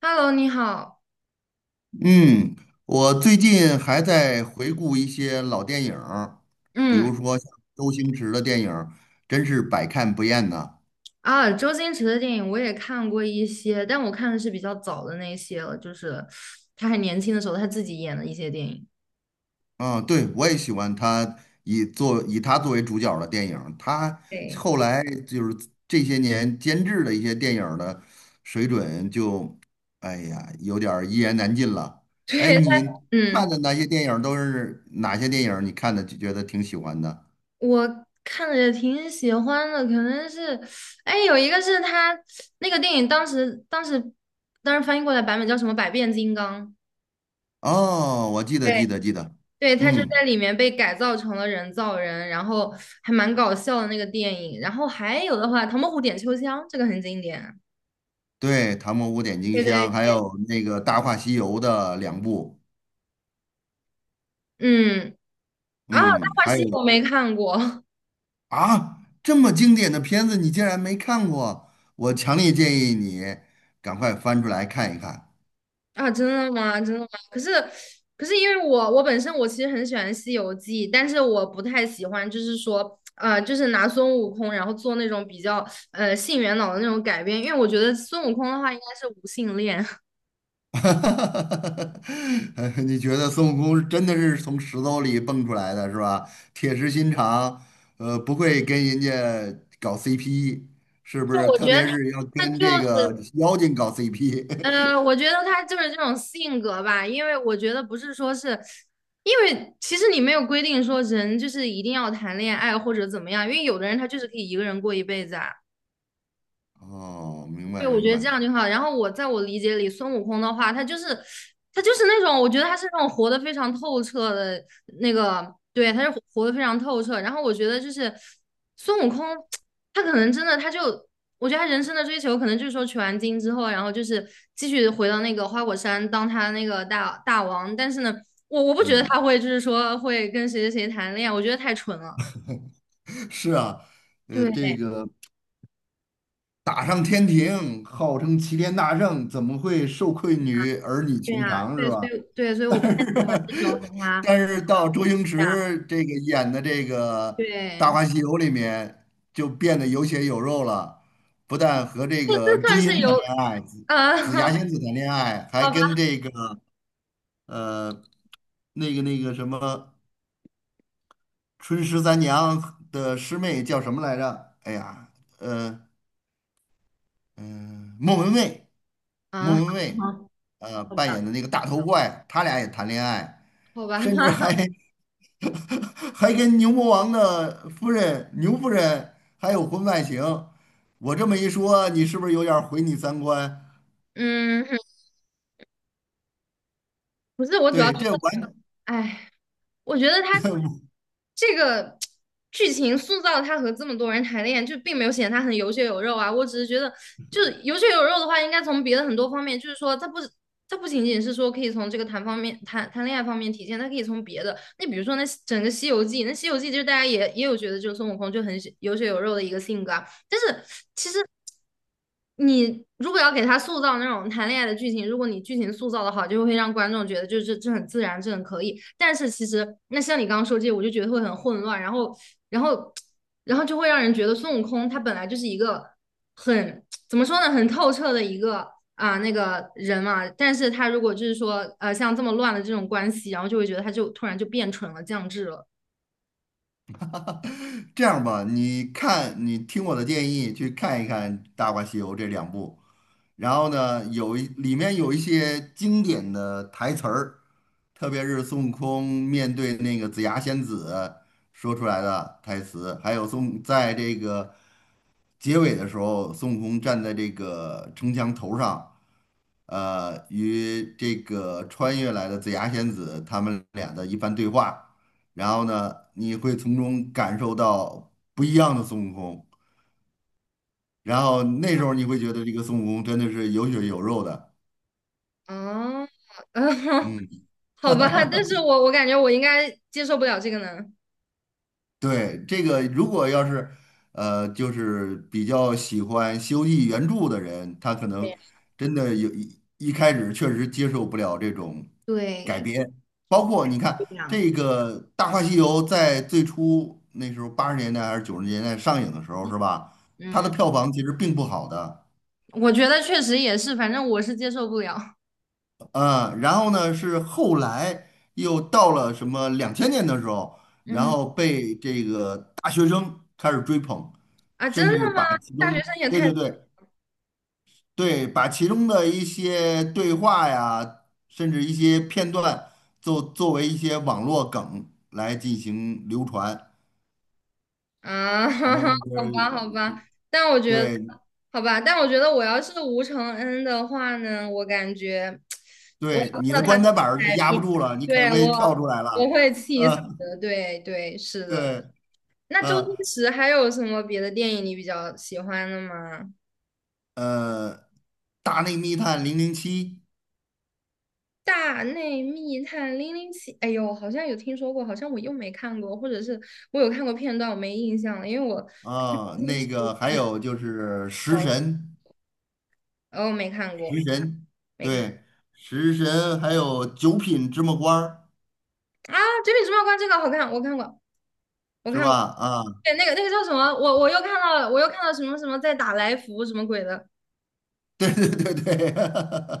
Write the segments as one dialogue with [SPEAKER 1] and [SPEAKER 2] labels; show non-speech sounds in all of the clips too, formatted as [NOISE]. [SPEAKER 1] Hello，你好。
[SPEAKER 2] 嗯，我最近还在回顾一些老电影儿，比
[SPEAKER 1] 嗯
[SPEAKER 2] 如说像周星驰的电影儿，真是百看不厌呐。
[SPEAKER 1] 啊，周星驰的电影我也看过一些，但我看的是比较早的那些了，就是他还年轻的时候他自己演的一些电影。
[SPEAKER 2] 啊，对，我也喜欢他以他作为主角儿的电影儿。他
[SPEAKER 1] 对。
[SPEAKER 2] 后来就是这些年监制的一些电影儿的水准就，哎呀，有点儿一言难尽了。
[SPEAKER 1] [LAUGHS]
[SPEAKER 2] 哎，
[SPEAKER 1] 对，
[SPEAKER 2] 你看
[SPEAKER 1] 嗯，
[SPEAKER 2] 的那些电影儿都是哪些电影儿，你看的就觉得挺喜欢的？
[SPEAKER 1] 我看着也挺喜欢的，可能是，哎，有一个是他那个电影当时翻译过来版本叫什么《百变金刚》。
[SPEAKER 2] 哦，我记得，
[SPEAKER 1] 对，
[SPEAKER 2] 记得，记得，
[SPEAKER 1] 对，他就
[SPEAKER 2] 嗯。
[SPEAKER 1] 在里面被改造成了人造人，然后还蛮搞笑的那个电影。然后还有的话，《唐伯虎点秋香》这个很经典。
[SPEAKER 2] 对，《唐伯虎点秋
[SPEAKER 1] 对
[SPEAKER 2] 香》，还
[SPEAKER 1] 对，
[SPEAKER 2] 有那个《大话西游》的两部，
[SPEAKER 1] 嗯。啊，《大
[SPEAKER 2] 嗯，
[SPEAKER 1] 话
[SPEAKER 2] 还
[SPEAKER 1] 西
[SPEAKER 2] 有。
[SPEAKER 1] 游》我没看过。 [LAUGHS]
[SPEAKER 2] 啊，这么经典的片子你竟然没看过，我强烈建议你赶快翻出来看一看。
[SPEAKER 1] 啊，真的吗？真的吗？可是因为我本身我其实很喜欢《西游记》，但是我不太喜欢，就是说就是拿孙悟空然后做那种比较性缘脑的那种改编，因为我觉得孙悟空的话应该是无性恋，[LAUGHS]
[SPEAKER 2] [LAUGHS] 你觉得孙悟空真的是从石头里蹦出来的，是吧？铁石心肠，不会跟人家搞 CP，是不
[SPEAKER 1] 就
[SPEAKER 2] 是？
[SPEAKER 1] 我
[SPEAKER 2] 特
[SPEAKER 1] 觉得
[SPEAKER 2] 别
[SPEAKER 1] 他
[SPEAKER 2] 是要
[SPEAKER 1] 他
[SPEAKER 2] 跟
[SPEAKER 1] 就
[SPEAKER 2] 这个
[SPEAKER 1] 是。
[SPEAKER 2] 妖精搞 CP。[LAUGHS]
[SPEAKER 1] 我觉得他就是这种性格吧，因为我觉得不是说是，因为其实你没有规定说人就是一定要谈恋爱或者怎么样，因为有的人他就是可以一个人过一辈子啊。
[SPEAKER 2] 哦，明
[SPEAKER 1] 对，
[SPEAKER 2] 白
[SPEAKER 1] 我
[SPEAKER 2] 明
[SPEAKER 1] 觉得这
[SPEAKER 2] 白，
[SPEAKER 1] 样就好。然后我在我理解里，孙悟空的话，他就是那种，我觉得他是那种活得非常透彻的那个，对，他是活得非常透彻。然后我觉得就是孙悟空，他可能真的他就，我觉得他人生的追求可能就是说取完经之后，然后就是继续回到那个花果山当他那个大王。但是呢，我不觉得
[SPEAKER 2] 嗯。
[SPEAKER 1] 他会就是说会跟谁谁谁谈恋爱，我觉得太蠢了。
[SPEAKER 2] 是啊，这
[SPEAKER 1] 对。
[SPEAKER 2] 个打上天庭，号称齐天大圣，怎么会受困于儿女
[SPEAKER 1] 对
[SPEAKER 2] 情
[SPEAKER 1] 呀，
[SPEAKER 2] 长，是
[SPEAKER 1] 对，所
[SPEAKER 2] 吧？
[SPEAKER 1] 以对，所
[SPEAKER 2] [LAUGHS]
[SPEAKER 1] 以
[SPEAKER 2] 但
[SPEAKER 1] 我不太喜欢这种
[SPEAKER 2] 是，
[SPEAKER 1] 给他，
[SPEAKER 2] 但是到周星
[SPEAKER 1] 对呀，
[SPEAKER 2] 驰这个演的这个《大
[SPEAKER 1] 对。
[SPEAKER 2] 话西游》里面，就变得有血有肉了，不但和这
[SPEAKER 1] 这
[SPEAKER 2] 个
[SPEAKER 1] 这
[SPEAKER 2] 朱
[SPEAKER 1] 算
[SPEAKER 2] 茵
[SPEAKER 1] 是
[SPEAKER 2] 谈
[SPEAKER 1] 有，
[SPEAKER 2] 恋爱，紫
[SPEAKER 1] 啊？
[SPEAKER 2] 紫霞
[SPEAKER 1] [LAUGHS]
[SPEAKER 2] 仙子谈恋爱，还
[SPEAKER 1] 好吧，
[SPEAKER 2] 跟这个呃那个什么春十三娘的师妹叫什么来着？哎呀，呃。嗯，莫文蔚，
[SPEAKER 1] 啊，
[SPEAKER 2] 莫文蔚，
[SPEAKER 1] 好，好
[SPEAKER 2] 扮
[SPEAKER 1] 吧，
[SPEAKER 2] 演的那个大头怪，他俩也谈恋爱，
[SPEAKER 1] 好吧，
[SPEAKER 2] 甚至还
[SPEAKER 1] [LAUGHS]
[SPEAKER 2] [LAUGHS] 还跟牛魔王的夫人牛夫人还有婚外情。我这么一说，你是不是有点儿毁你三观？
[SPEAKER 1] 嗯，不是，我主要
[SPEAKER 2] 对，
[SPEAKER 1] 觉得，哎，哎，我觉得他
[SPEAKER 2] [LAUGHS]
[SPEAKER 1] 这个剧情塑造他和这么多人谈恋爱，就并没有显得他很有血有肉啊。我只是觉得，就是有血有肉的话，应该从别的很多方面，就是说，他不是，他不仅仅是说可以从这个谈方面谈恋爱方面体现，他可以从别的，那比如说那整个《西游记》，那《西游记》就是大家也有觉得，就是孙悟空就很有血有肉的一个性格啊。但是其实你如果要给他塑造那种谈恋爱的剧情，如果你剧情塑造的好，就会让观众觉得就是这很自然，这很可以。但是其实那像你刚刚说这些，我就觉得会很混乱，然后然后然后就会让人觉得孙悟空他本来就是一个很怎么说呢，很透彻的一个啊、那个人嘛。但是他如果就是说像这么乱的这种关系，然后就会觉得他就突然就变蠢了，降智了。
[SPEAKER 2] 这样吧，你看，你听我的建议，去看一看《大话西游》这两部。然后呢，里面有一些经典的台词儿。特别是孙悟空面对那个紫霞仙子说出来的台词，还有在这个结尾的时候，孙悟空站在这个城墙头上，与这个穿越来的紫霞仙子他们俩的一番对话。然后呢，你会从中感受到不一样的孙悟空，然后那时候你会觉得这个孙悟空真的是有血有肉的，
[SPEAKER 1] 哦，[LAUGHS] [LAUGHS]
[SPEAKER 2] 嗯。
[SPEAKER 1] 好吧，但是我感觉我应该接受不了这个呢。
[SPEAKER 2] 对，这个如果要是，就是比较喜欢西游记》原著的人，他可能真的一开始确实接受不了这种改
[SPEAKER 1] 对，
[SPEAKER 2] 编，包括你
[SPEAKER 1] 不
[SPEAKER 2] 看
[SPEAKER 1] 一样。
[SPEAKER 2] 这个《大话西游》在最初那时候80年代还是90年代上映的时候，是吧？它的
[SPEAKER 1] 嗯，
[SPEAKER 2] 票房其实并不好的。
[SPEAKER 1] 我觉得确实也是，反正我是接受不了。
[SPEAKER 2] 嗯，然后呢是后来又到了什么2000年的时候，然
[SPEAKER 1] 嗯。
[SPEAKER 2] 后被这个大学生开始追捧，
[SPEAKER 1] 啊，真
[SPEAKER 2] 甚至
[SPEAKER 1] 的吗？
[SPEAKER 2] 把其
[SPEAKER 1] 大学
[SPEAKER 2] 中，
[SPEAKER 1] 生也
[SPEAKER 2] 对
[SPEAKER 1] 太。
[SPEAKER 2] 对对对，把其中的一些对话呀，甚至一些片段，作为一些网络梗来进行流传。
[SPEAKER 1] 啊，
[SPEAKER 2] 什么
[SPEAKER 1] [LAUGHS]
[SPEAKER 2] 就
[SPEAKER 1] 好
[SPEAKER 2] 是，
[SPEAKER 1] 吧，好吧，但我觉得，
[SPEAKER 2] 对
[SPEAKER 1] 好吧，但我觉得我要是吴承恩的话呢，我感觉我
[SPEAKER 2] 对，
[SPEAKER 1] 要
[SPEAKER 2] 你
[SPEAKER 1] 看
[SPEAKER 2] 的
[SPEAKER 1] 到他
[SPEAKER 2] 棺
[SPEAKER 1] 这
[SPEAKER 2] 材
[SPEAKER 1] 个
[SPEAKER 2] 板儿就
[SPEAKER 1] 改
[SPEAKER 2] 压不
[SPEAKER 1] 变，
[SPEAKER 2] 住了，你肯
[SPEAKER 1] 对，
[SPEAKER 2] 定会跳
[SPEAKER 1] 我
[SPEAKER 2] 出来
[SPEAKER 1] 我
[SPEAKER 2] 了。
[SPEAKER 1] 会
[SPEAKER 2] [LAUGHS]
[SPEAKER 1] 气死
[SPEAKER 2] 嗯，
[SPEAKER 1] 的。对对，是的。
[SPEAKER 2] 对，
[SPEAKER 1] 那周星
[SPEAKER 2] 嗯。
[SPEAKER 1] 驰还有什么别的电影你比较喜欢的吗？
[SPEAKER 2] 呃，《大内密探零零七》。
[SPEAKER 1] 大内密探零零七，哎呦，好像有听说过，好像我又没看过，或者是我有看过片段，我没印象了，因为我看
[SPEAKER 2] 啊，
[SPEAKER 1] 时
[SPEAKER 2] 那
[SPEAKER 1] 候
[SPEAKER 2] 个
[SPEAKER 1] 电
[SPEAKER 2] 还
[SPEAKER 1] 影
[SPEAKER 2] 有就是食
[SPEAKER 1] 少，
[SPEAKER 2] 神，
[SPEAKER 1] 哦，没看
[SPEAKER 2] 食
[SPEAKER 1] 过，
[SPEAKER 2] 神，
[SPEAKER 1] 没看。
[SPEAKER 2] 对，食神，还有九品芝麻官儿，
[SPEAKER 1] 啊，《绝命毒药关》这个好看，我看过，我
[SPEAKER 2] 是
[SPEAKER 1] 看
[SPEAKER 2] 吧？
[SPEAKER 1] 过，
[SPEAKER 2] 啊，
[SPEAKER 1] 对，
[SPEAKER 2] [LAUGHS]
[SPEAKER 1] 那个那个叫什么？我又看到了，我又看到什么什么在打来福什么鬼的，
[SPEAKER 2] 对对对对，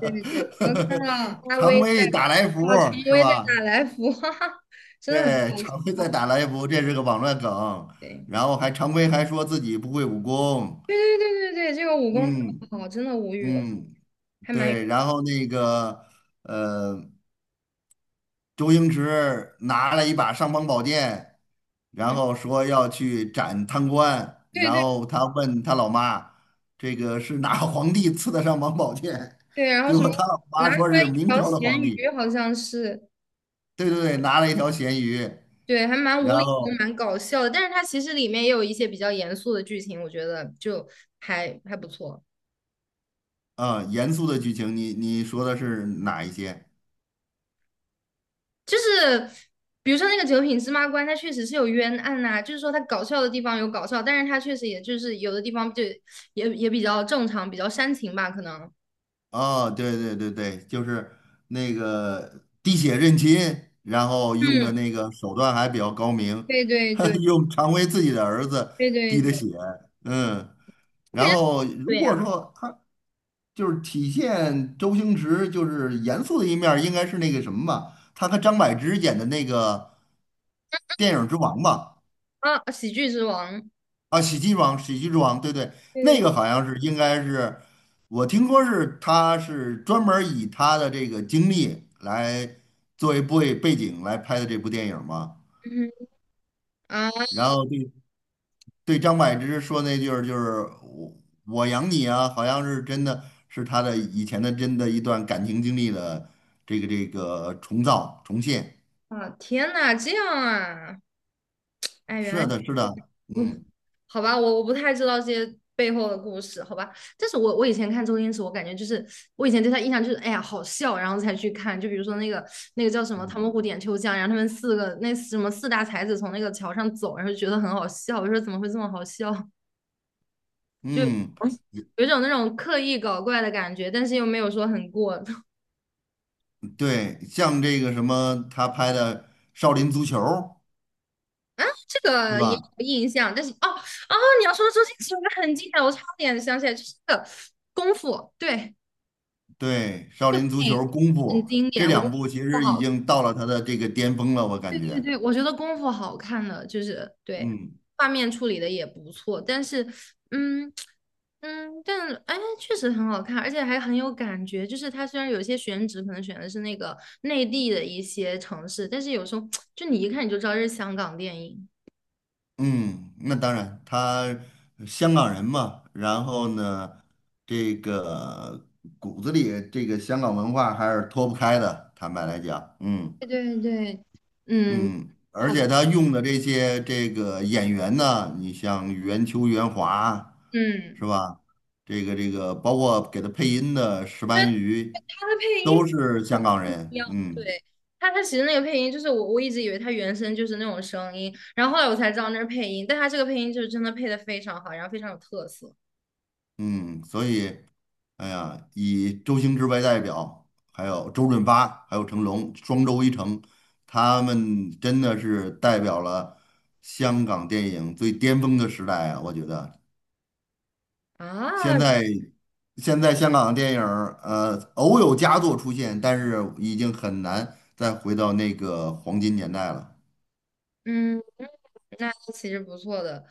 [SPEAKER 1] 对对对，我又看到 阿
[SPEAKER 2] 常
[SPEAKER 1] 威在
[SPEAKER 2] 规打来福
[SPEAKER 1] 打，啊，陈
[SPEAKER 2] 儿，是
[SPEAKER 1] 威在
[SPEAKER 2] 吧？
[SPEAKER 1] 打来福，[LAUGHS] 哈哈，真的很好
[SPEAKER 2] 对，常规在
[SPEAKER 1] 笑，
[SPEAKER 2] 打来福，这是个网络梗。
[SPEAKER 1] 对
[SPEAKER 2] 然后还常规还说自己不会武功。
[SPEAKER 1] 对对对对对，这个武功特别
[SPEAKER 2] 嗯
[SPEAKER 1] 好，真的无语了，
[SPEAKER 2] 嗯，
[SPEAKER 1] 还蛮有。
[SPEAKER 2] 对，然后那个。呃。周星驰拿了一把尚方宝剑，然
[SPEAKER 1] 嗯。
[SPEAKER 2] 后说要去斩贪官，
[SPEAKER 1] 对
[SPEAKER 2] 然
[SPEAKER 1] 对
[SPEAKER 2] 后他问他老妈，这个是哪个皇帝赐的尚方宝剑？
[SPEAKER 1] 对，然
[SPEAKER 2] [LAUGHS]
[SPEAKER 1] 后
[SPEAKER 2] 结
[SPEAKER 1] 什
[SPEAKER 2] 果
[SPEAKER 1] 么
[SPEAKER 2] 他老
[SPEAKER 1] 拿
[SPEAKER 2] 妈
[SPEAKER 1] 出
[SPEAKER 2] 说
[SPEAKER 1] 来一
[SPEAKER 2] 是明
[SPEAKER 1] 条
[SPEAKER 2] 朝的
[SPEAKER 1] 咸
[SPEAKER 2] 皇
[SPEAKER 1] 鱼，
[SPEAKER 2] 帝。
[SPEAKER 1] 好像是，
[SPEAKER 2] 对对对，拿了一条咸鱼，
[SPEAKER 1] 对，还蛮
[SPEAKER 2] 然
[SPEAKER 1] 无厘头，
[SPEAKER 2] 后
[SPEAKER 1] 蛮搞笑的。但是它其实里面也有一些比较严肃的剧情，我觉得就还还不错。
[SPEAKER 2] 嗯，严肃的剧情，你说的是哪一些？
[SPEAKER 1] 就是比如说那个九品芝麻官，它确实是有冤案呐、就是说它搞笑的地方有搞笑，但是它确实也就是有的地方就也比较正常，比较煽情吧，可能。
[SPEAKER 2] 哦，对对对对，就是那个滴血认亲，然后用的
[SPEAKER 1] 嗯，
[SPEAKER 2] 那个手段还比较高明。
[SPEAKER 1] 对对对
[SPEAKER 2] [LAUGHS] 用常威自己的儿子
[SPEAKER 1] 对对
[SPEAKER 2] 滴的血。
[SPEAKER 1] 对，
[SPEAKER 2] 嗯，
[SPEAKER 1] 我
[SPEAKER 2] 然
[SPEAKER 1] 感觉
[SPEAKER 2] 后如
[SPEAKER 1] 对
[SPEAKER 2] 果
[SPEAKER 1] 呀、
[SPEAKER 2] 说他就是体现周星驰就是严肃的一面儿，应该是那个什么吧，他和张柏芝演的那个电影之王吧。
[SPEAKER 1] 啊，喜剧之王，
[SPEAKER 2] 啊，喜剧之王，对对。那
[SPEAKER 1] 对对。
[SPEAKER 2] 个好像是应该是，我听说是他是专门儿以他的这个经历来作为背景来拍的这部电影嘛。
[SPEAKER 1] 嗯哼。啊。
[SPEAKER 2] 然后对，对张柏芝说那句儿就是我养你啊，好像是真的是他的以前的真的一段感情经历的这个重现。
[SPEAKER 1] 啊，天呐，这样啊。哎，原来，
[SPEAKER 2] 是的，是的，
[SPEAKER 1] 嗯，
[SPEAKER 2] 嗯。
[SPEAKER 1] 好吧，我不太知道这些背后的故事，好吧。但是我我以前看周星驰，我感觉就是我以前对他印象就是，哎呀，好笑，然后才去看。就比如说那个那个叫什么《唐
[SPEAKER 2] 嗯
[SPEAKER 1] 伯虎点秋香》，然后他们四个那什么四大才子从那个桥上走，然后就觉得很好笑。我说怎么会这么好笑？就
[SPEAKER 2] 嗯，
[SPEAKER 1] 有一种那种刻意搞怪的感觉，但是又没有说很过。[LAUGHS]
[SPEAKER 2] 对，像这个什么，他拍的《少林足球》，
[SPEAKER 1] 这
[SPEAKER 2] 对
[SPEAKER 1] 个也
[SPEAKER 2] 吧？
[SPEAKER 1] 有印象，但是哦哦，你要说的周星驰，我还很经典，我差点想起来，就是那个功夫，对。
[SPEAKER 2] 对，少
[SPEAKER 1] 这部
[SPEAKER 2] 林足
[SPEAKER 1] 电影
[SPEAKER 2] 球、功
[SPEAKER 1] 很
[SPEAKER 2] 夫
[SPEAKER 1] 经典，
[SPEAKER 2] 这
[SPEAKER 1] 我觉
[SPEAKER 2] 两
[SPEAKER 1] 得
[SPEAKER 2] 部其
[SPEAKER 1] 不
[SPEAKER 2] 实已
[SPEAKER 1] 好。
[SPEAKER 2] 经到了他的这个巅峰了，我感
[SPEAKER 1] 对对
[SPEAKER 2] 觉。
[SPEAKER 1] 对，我觉得功夫好看的就是对
[SPEAKER 2] 嗯
[SPEAKER 1] 画面处理的也不错，但是嗯。嗯，但哎确实很好看，而且还很有感觉。就是它虽然有些选址可能选的是那个内地的一些城市，但是有时候就你一看你就知道这是香港电影。
[SPEAKER 2] 嗯，那当然，他香港人嘛，然后呢，这个骨子里这个香港文化还是脱不开的，坦白来讲，嗯。
[SPEAKER 1] 对对对，嗯，
[SPEAKER 2] 嗯，而
[SPEAKER 1] 好吧，
[SPEAKER 2] 且他用的这些这个演员呢，你像袁秋、袁华，是
[SPEAKER 1] 嗯，
[SPEAKER 2] 吧？这个，包括给他配音的石
[SPEAKER 1] 因为
[SPEAKER 2] 斑鱼，
[SPEAKER 1] 它的配音。
[SPEAKER 2] 都是
[SPEAKER 1] 很
[SPEAKER 2] 香港
[SPEAKER 1] 重
[SPEAKER 2] 人。
[SPEAKER 1] 要，
[SPEAKER 2] 嗯
[SPEAKER 1] 对。他他其实那个配音就是我一直以为他原声就是那种声音，然后后来我才知道那是配音，但他这个配音就是真的配的非常好，然后非常有特色。
[SPEAKER 2] 嗯，所以，哎呀，以周星驰为代表，还有周润发，还有成龙，双周一成，他们真的是代表了香港电影最巅峰的时代啊！我觉得现
[SPEAKER 1] 啊，
[SPEAKER 2] 在现在香港的电影儿，偶有佳作出现，但是已经很难再回到那个黄金年代了。
[SPEAKER 1] 嗯，那其实不错的，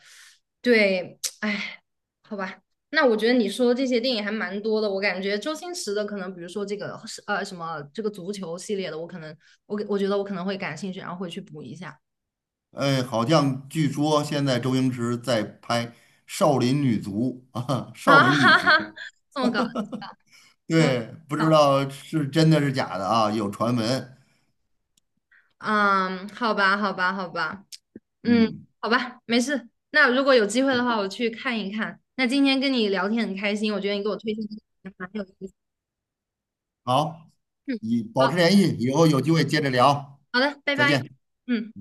[SPEAKER 1] 对，哎，好吧，那我觉得你说的这些电影还蛮多的，我感觉周星驰的可能比如说这个是什么这个足球系列的，我可能我我觉得我可能会感兴趣，然后会去补一下。
[SPEAKER 2] 哎，好像据说现在周星驰在拍《少林女足》[LAUGHS] 啊，《少
[SPEAKER 1] 啊，[LAUGHS]
[SPEAKER 2] 林女
[SPEAKER 1] 哈
[SPEAKER 2] 足》
[SPEAKER 1] 哈，这么搞，这么
[SPEAKER 2] 对，不知
[SPEAKER 1] 搞，
[SPEAKER 2] 道是真的是假的啊，有传闻。
[SPEAKER 1] 嗯，好吧，好吧，好吧。嗯，
[SPEAKER 2] 嗯，
[SPEAKER 1] 好吧，没事。那如果有机会的话，我去看一看。那今天跟你聊天很开心，我觉得你给我推荐的还蛮有意思。
[SPEAKER 2] 好，
[SPEAKER 1] 嗯，
[SPEAKER 2] 以保持
[SPEAKER 1] 好。
[SPEAKER 2] 联系，以后有机会接着聊，
[SPEAKER 1] 好的，拜
[SPEAKER 2] 再
[SPEAKER 1] 拜。
[SPEAKER 2] 见。
[SPEAKER 1] 嗯。